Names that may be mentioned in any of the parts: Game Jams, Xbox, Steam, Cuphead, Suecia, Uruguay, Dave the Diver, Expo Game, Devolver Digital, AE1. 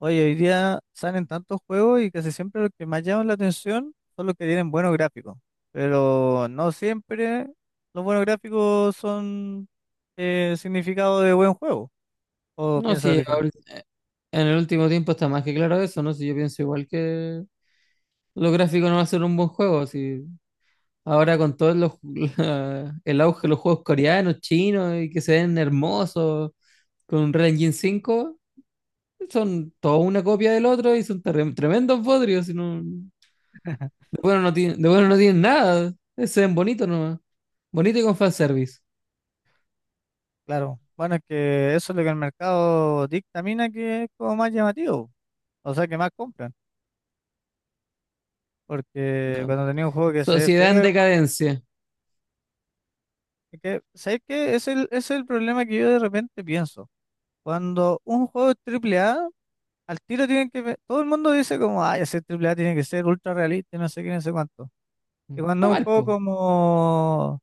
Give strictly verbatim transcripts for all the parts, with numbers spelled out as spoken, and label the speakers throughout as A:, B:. A: Oye, hoy día salen tantos juegos y casi siempre los que más llaman la atención son los que tienen buenos gráficos. Pero no siempre los buenos gráficos son eh, significado de buen juego. ¿O
B: No,
A: piensas
B: sí,
A: diferente?
B: ahorita- en el último tiempo está más que claro eso, ¿no? Si yo pienso igual que los gráficos no va a ser un buen juego, si ahora con todos los la- el auge de los juegos coreanos, chinos y que se ven hermosos con un Unreal Engine cinco, son toda una copia del otro y son terre- tremendos bodrios, y no- de bueno no tienen, de bueno no tienen nada, se ven bonitos nomás, bonito y con fanservice.
A: Claro. Bueno, es que eso es lo que el mercado dictamina que es como más llamativo. O sea, que más compran. Porque
B: No.
A: cuando tenía un juego que se ve
B: Sociedad en
A: feo, weón,
B: decadencia.
A: es que, ¿sabes qué? Es el, es el problema que yo de repente pienso. Cuando un juego es triple A. Al tiro tienen que ver. Todo el mundo dice como, ay, ese triple A tiene que ser ultra realista y no sé qué, no sé cuánto. Y cuando
B: Está
A: es un
B: mal,
A: juego
B: po.
A: como,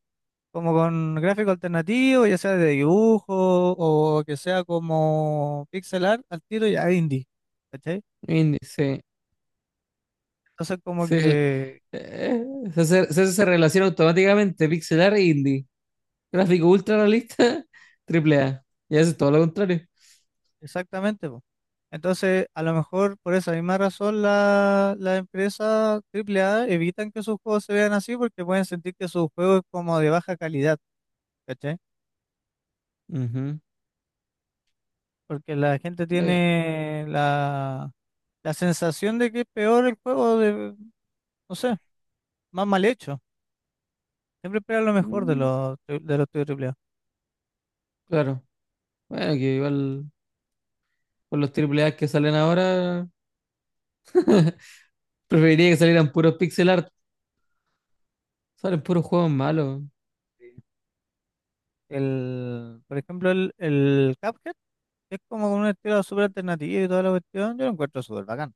A: como con gráfico alternativo, ya sea de dibujo o que sea como pixel art, al tiro ya es indie. ¿Cachai?
B: Y- Sí.
A: Entonces como
B: Sí,
A: que,
B: Eh, se hace, se hace esa relación automáticamente, pixelar e indie. Gráfico ultra realista, triple A. Y hace todo lo contrario.
A: exactamente, po. Entonces, a lo mejor por esa misma razón la- las empresas triple A evitan que sus juegos se vean así porque pueden sentir que su juego es como de baja calidad, ¿cachai?
B: Ujú.
A: Porque la gente
B: Eh,
A: tiene la, la sensación de que es peor el juego, de, no sé, más mal hecho. Siempre espera lo mejor de
B: mm,
A: los, tri- de los estudios triple A.
B: claro. Bueno, que igual con los triple A que salen ahora, preferiría que salieran puros pixel art. Salen puros juegos malos,
A: El, por ejemplo, el, el Cuphead es como un estilo súper alternativo y toda la cuestión. Yo lo encuentro súper bacán.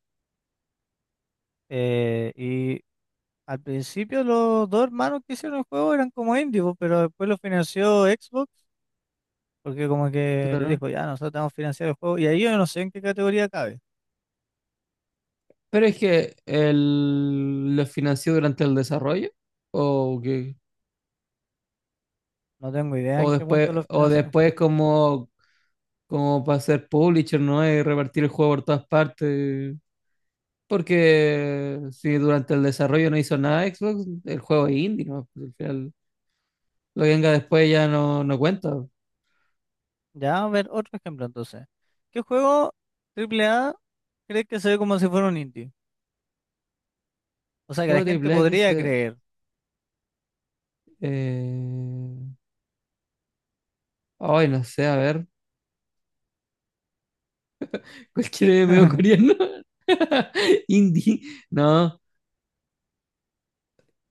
A: Eh, y al principio los dos hermanos que hicieron el juego eran como indies, po, pero después lo financió Xbox porque como que les
B: claro.
A: dijo, ya, nosotros te vamos a financiar el juego. Y ahí yo no sé en qué categoría cabe.
B: Pero es que el, los financió durante el desarrollo. O que,
A: No tengo idea
B: o
A: en qué
B: después,
A: punto lo
B: o
A: financió.
B: después como, como para ser publisher, ¿no? Y repartir el juego por todas partes. Porque si durante el desarrollo no hizo nada Xbox, el juego es indie, ¿no? Pues al final, lo que venga después ya no, no cuenta.
A: Ya, a ver, otro ejemplo entonces. ¿Qué juego triple A crees que se ve como si fuera un indie? O sea, que la
B: Juego de
A: gente
B: Black
A: podría
B: se- eh,
A: creer.
B: eh, ay, no sé, a ver. Cualquier medio coreano. Indie. No.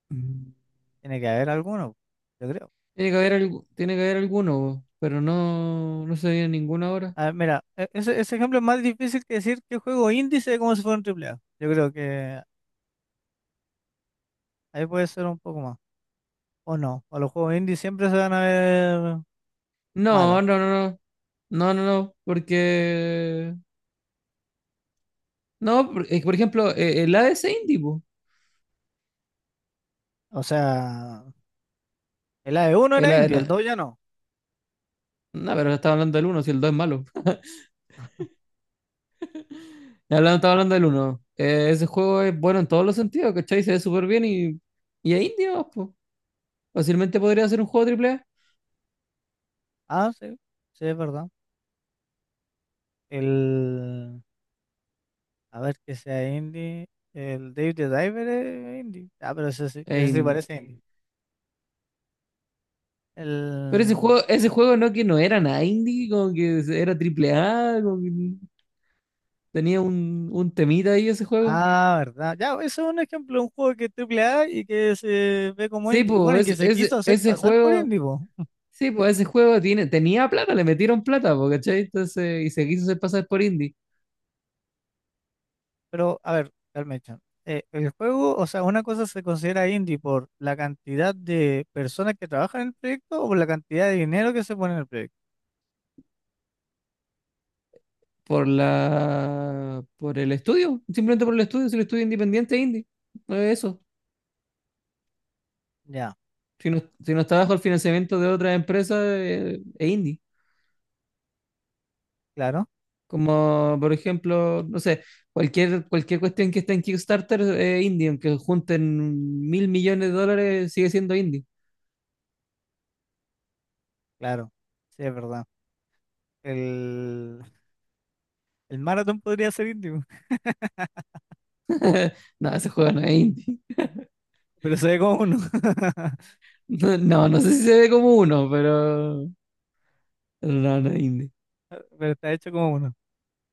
B: Tiene
A: Tiene que haber alguno, yo creo.
B: que haber, algu- tiene que haber alguno, bo, pero no, no se viene ninguno ahora.
A: A ver, mira, e- ese, ese ejemplo es más difícil que decir qué juego indie se ve como si fuera un triple A. Yo creo que ahí puede ser un poco más. O no, o los juegos indie siempre se van a ver malos.
B: No, no, no, no. No, no, no. Porque. No, por, eh, por ejemplo, eh, el A D C Indie, po.
A: O sea, el A E uno
B: El,
A: era indie, el
B: A-
A: dos ya no.
B: No, pero estaba hablando del uno, si el dos es malo. hablando- Estaba hablando del uno. Eh, ese juego es bueno en todos los sentidos, ¿cachai? Se ve súper bien y, y es indie, nomás, po. Fácilmente podría ser un juego triple A.
A: Ah, sí, sí, es verdad. El... A ver, que sea indie. El Dave the Diver es indie. Ah, pero ese sí,
B: e
A: ese sí
B: in-
A: parece indie.
B: Pero ese
A: El...
B: juego, ese juego no que no era nada indie, como que era triple A, como que tenía un, un temita ahí ese juego.
A: Ah, verdad. Ya, eso es un ejemplo, de un juego que es triple A y que se ve como
B: Sí,
A: indie. Bueno, y
B: pues,
A: que se
B: ese, ese,
A: quiso hacer
B: ese
A: pasar por
B: juego,
A: indie, po.
B: sí, pues ese juego tiene, tenía plata, le metieron plata, po, ¿cachai? Entonces, y se quiso hacer pasar por indie.
A: Pero, a ver, Carmen Chan, eh, el juego, o sea, una cosa se considera indie por la cantidad de personas que trabajan en el proyecto o por la cantidad de dinero que se pone en el proyecto.
B: Por la por el estudio, simplemente por el estudio, si el estudio es independiente es indie, no es eso.
A: Ya,
B: Si no, si no está bajo el financiamiento de otras empresas, eh, es indie.
A: claro,
B: Como por ejemplo, no sé, cualquier, cualquier cuestión que esté en Kickstarter es indie, aunque junten mil millones de dólares, sigue siendo indie.
A: claro. Sí, es verdad. El, el maratón podría ser indie.
B: No, ese juego no es indie.
A: Pero se ve como uno.
B: No, no, no sé si se ve como uno, pero pero no, no es indie.
A: Pero está hecho como uno.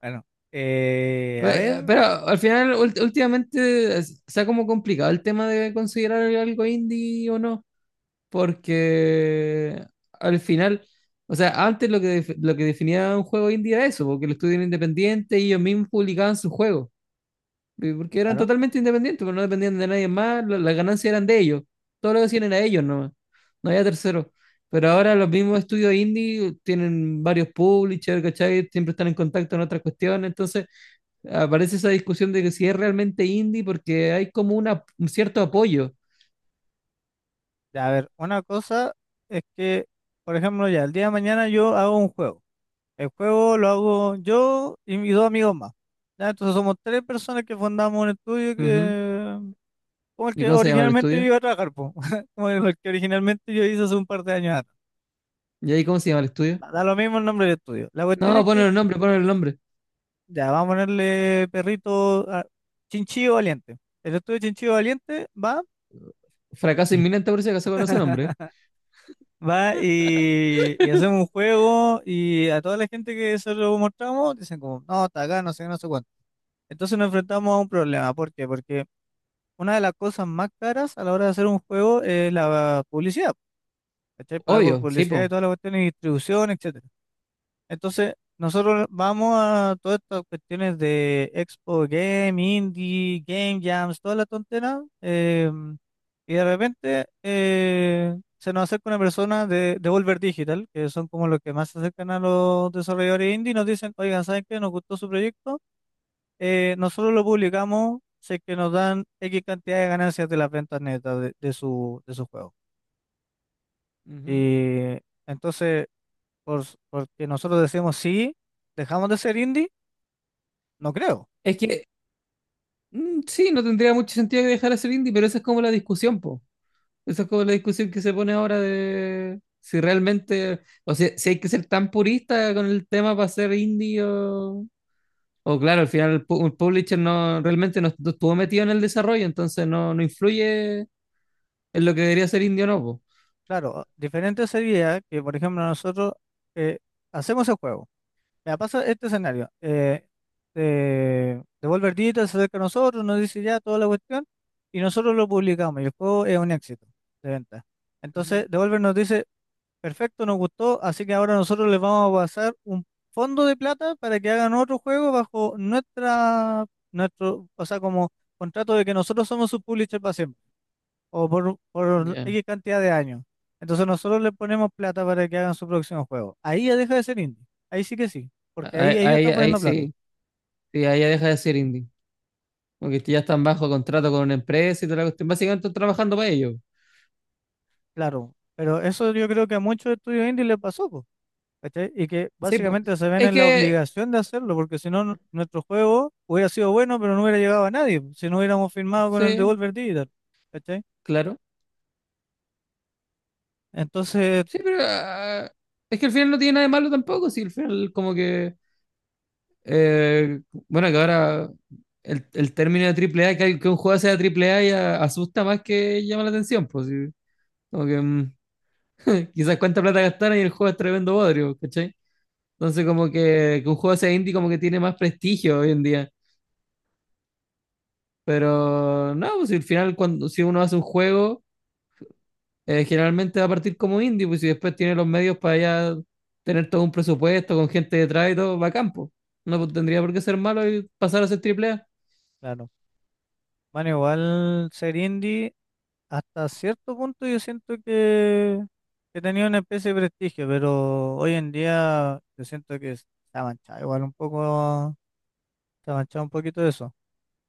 A: Bueno, eh, a
B: Eh,
A: ver,
B: Pero al final, ult- últimamente, es- se ha como complicado el tema de considerar algo indie o no, porque al final, o sea, antes lo que, def- lo que definía un juego indie era eso, porque el estudio era independiente y ellos mismos publicaban sus juegos, eh, porque eran
A: claro.
B: totalmente independientes, porque no dependían de nadie más, la- las ganancias eran de ellos, todo lo que hacían era ellos nomás, no había terceros. Pero ahora los mismos estudios indie tienen varios publishers, ¿cachai? Siempre están en contacto en otras cuestiones, entonces aparece esa discusión de que si es realmente indie, porque hay como una, un cierto apoyo.
A: Ya, a ver, una cosa es que, por ejemplo, ya el día de mañana yo hago un juego. El juego lo hago yo y mis dos amigos más. Ya, entonces somos tres personas que fundamos un estudio
B: Ujú.
A: que, como el
B: ¿Y
A: que
B: cómo se llama el
A: originalmente yo
B: estudio?
A: iba a trabajar, po. Como el que originalmente yo hice hace un par de años atrás.
B: ¿Y ahí cómo se llama el estudio?
A: Da da lo mismo el nombre del estudio. La cuestión
B: No,
A: es que,
B: ponen el nombre, ponen el nombre.
A: ya, vamos a ponerle perrito a Chinchillo Valiente. El estudio Chinchillo Valiente va
B: Fracaso inminente por si acaso con ese nombre.
A: Va y, y hacemos un juego y a toda la gente que se lo mostramos dicen como, no, está acá, no sé qué, no sé cuánto. Entonces nos enfrentamos a un problema. ¿Por qué? Porque una de las cosas más caras a la hora de hacer un juego es la publicidad. ¿Cachai? Pagar por
B: Obvio, sí,
A: publicidad y
B: po.
A: toda la cuestión de distribución, etcétera. Entonces, nosotros vamos a todas estas cuestiones de Expo Game, Indie, Game Jams, toda la tontera, eh, y de repente eh, se nos acerca una persona de, de Volver Digital, que son como los que más se acercan a los desarrolladores indie, y nos dicen, oigan, ¿saben qué? Nos gustó su proyecto, eh, nosotros lo publicamos, sé que nos dan X cantidad de ganancias de las ventas netas de, de su, de su juego.
B: Ujú.
A: Y entonces, por, porque nosotros decimos sí, dejamos de ser indie. No creo.
B: Es que mm, sí, no tendría mucho sentido que dejara ser indie, pero esa es como la discusión, po. Esa es como la discusión que se pone ahora de si realmente, o sea, si hay que ser tan purista con el tema para ser indie o, O claro, al final el, pu- el publisher no realmente no, no estuvo metido en el desarrollo, entonces no, no influye en lo que debería ser indie o no, po.
A: Claro, ah, diferente sería que, por ejemplo, nosotros eh, hacemos el juego. Me pasa este escenario. Eh, eh, Devolver Digital se acerca a nosotros, nos dice ya toda la cuestión y nosotros lo publicamos y el juego es un éxito de venta.
B: Ujú.
A: Entonces, Devolver nos dice, perfecto, nos gustó, así que ahora nosotros les vamos a pasar un fondo de plata para que hagan otro juego bajo nuestra, nuestro, o sea, como contrato de que nosotros somos su publisher para o por, por
B: Ya.
A: X cantidad de años. Entonces nosotros le ponemos plata para que hagan su próximo juego. Ahí ya deja de ser indie. Ahí sí que sí, porque ahí
B: Ahí,
A: ellos
B: ahí-
A: están
B: ahí
A: poniendo plata.
B: sí, sí, ahí ya deja de ser indie. Porque ya están bajo contrato con una empresa y toda la cuestión. Básicamente están trabajando para ellos.
A: Claro, pero eso yo creo que a muchos estudios indie les pasó, po, ¿cachai? Y que
B: Sí, pues.
A: básicamente se ven
B: Es
A: en la
B: que,
A: obligación de hacerlo, porque si no, nu- nuestro juego hubiera sido bueno, pero no hubiera llegado a nadie, po, si no hubiéramos firmado con el
B: sí,
A: Devolver Digital, ¿cachai?
B: claro.
A: Entonces,
B: Sí, pero ah, es que al final no tiene nada de malo tampoco. Sí, al final como que Eh, bueno, que ahora el, el término de triple A, que, al- que un juego sea triple A ya asusta más que llama la atención, pues sí. Como que mm, quizás cuánta plata gastaron y el juego es tremendo bodrio, ¿cachai? Entonces como que, que un juego sea indie como que tiene más prestigio hoy en día. Pero no, pues si al final cuando si uno hace un juego, eh, generalmente va a partir como indie, pues si después tiene los medios para ya tener todo un presupuesto con gente detrás y todo, va a campo. No pues, tendría por qué ser malo y pasar a ser triple A.
A: claro, van igual ser indie. Hasta cierto punto yo siento que, que tenía una especie de prestigio, pero hoy en día yo siento que se ha manchado igual un poco, se ha manchado un poquito eso,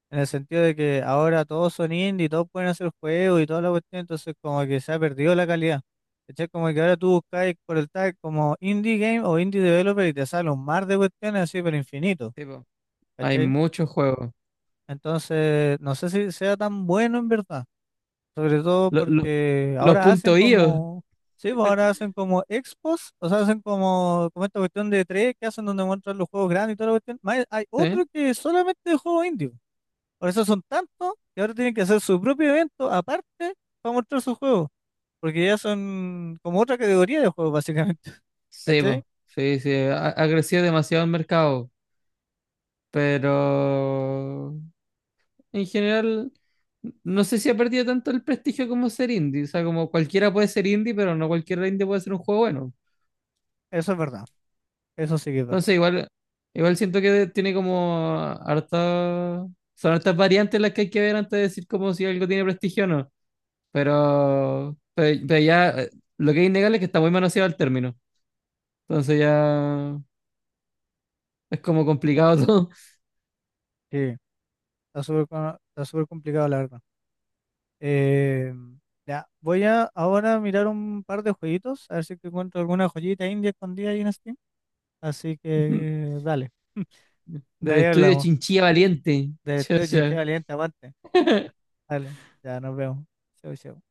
A: en el sentido de que ahora todos son indie, todos pueden hacer juegos y toda la cuestión, entonces como que se ha perdido la calidad. ¿Cachai? Como que ahora tú buscáis por el tag como indie game o indie developer y te sale un mar de cuestiones así, pero infinito,
B: Sí, po. Hay
A: ¿cachai?
B: muchos juegos.
A: Entonces, no sé si sea tan bueno en verdad. Sobre todo
B: Lo- lo-
A: porque
B: los
A: ahora hacen
B: puntos I O,
A: como, sí, pues ahora hacen como expos, o sea, hacen como, como esta cuestión de tres que hacen donde muestran los juegos grandes y toda la cuestión. Más, hay
B: ¿sí?
A: otro que es solamente de juegos indios. Por eso son tantos que ahora tienen que hacer su propio evento aparte para mostrar sus juegos, porque ya son como otra categoría de juegos, básicamente.
B: Sí,
A: ¿Cachai?
B: po. Sí, sí, ha, ha crecido demasiado el mercado, pero en general no sé si ha perdido tanto el prestigio como ser indie, o sea, como cualquiera puede ser indie, pero no cualquier indie puede ser un juego bueno.
A: Eso es verdad. Eso sí que es verdad.
B: Entonces, igual igual siento que tiene como harta son hartas variantes las que hay que ver antes de decir como si algo tiene prestigio o no, pero pero, pero ya eh, lo que es innegable es que está muy manoseado el término. Entonces ya es como complicado todo.
A: Sí, está súper co- está súper complicado, la verdad. Eh, ya, voy a ahora mirar un par de jueguitos, a ver si es que encuentro alguna joyita india escondida ahí en Steam. Así que dale, de
B: Del
A: ahí
B: estudio
A: hablamos.
B: Chinchilla Valiente.
A: De Estudio Chinchilla
B: Chucha.
A: Valiente, aguante. Dale, ya nos vemos. Chau, chau.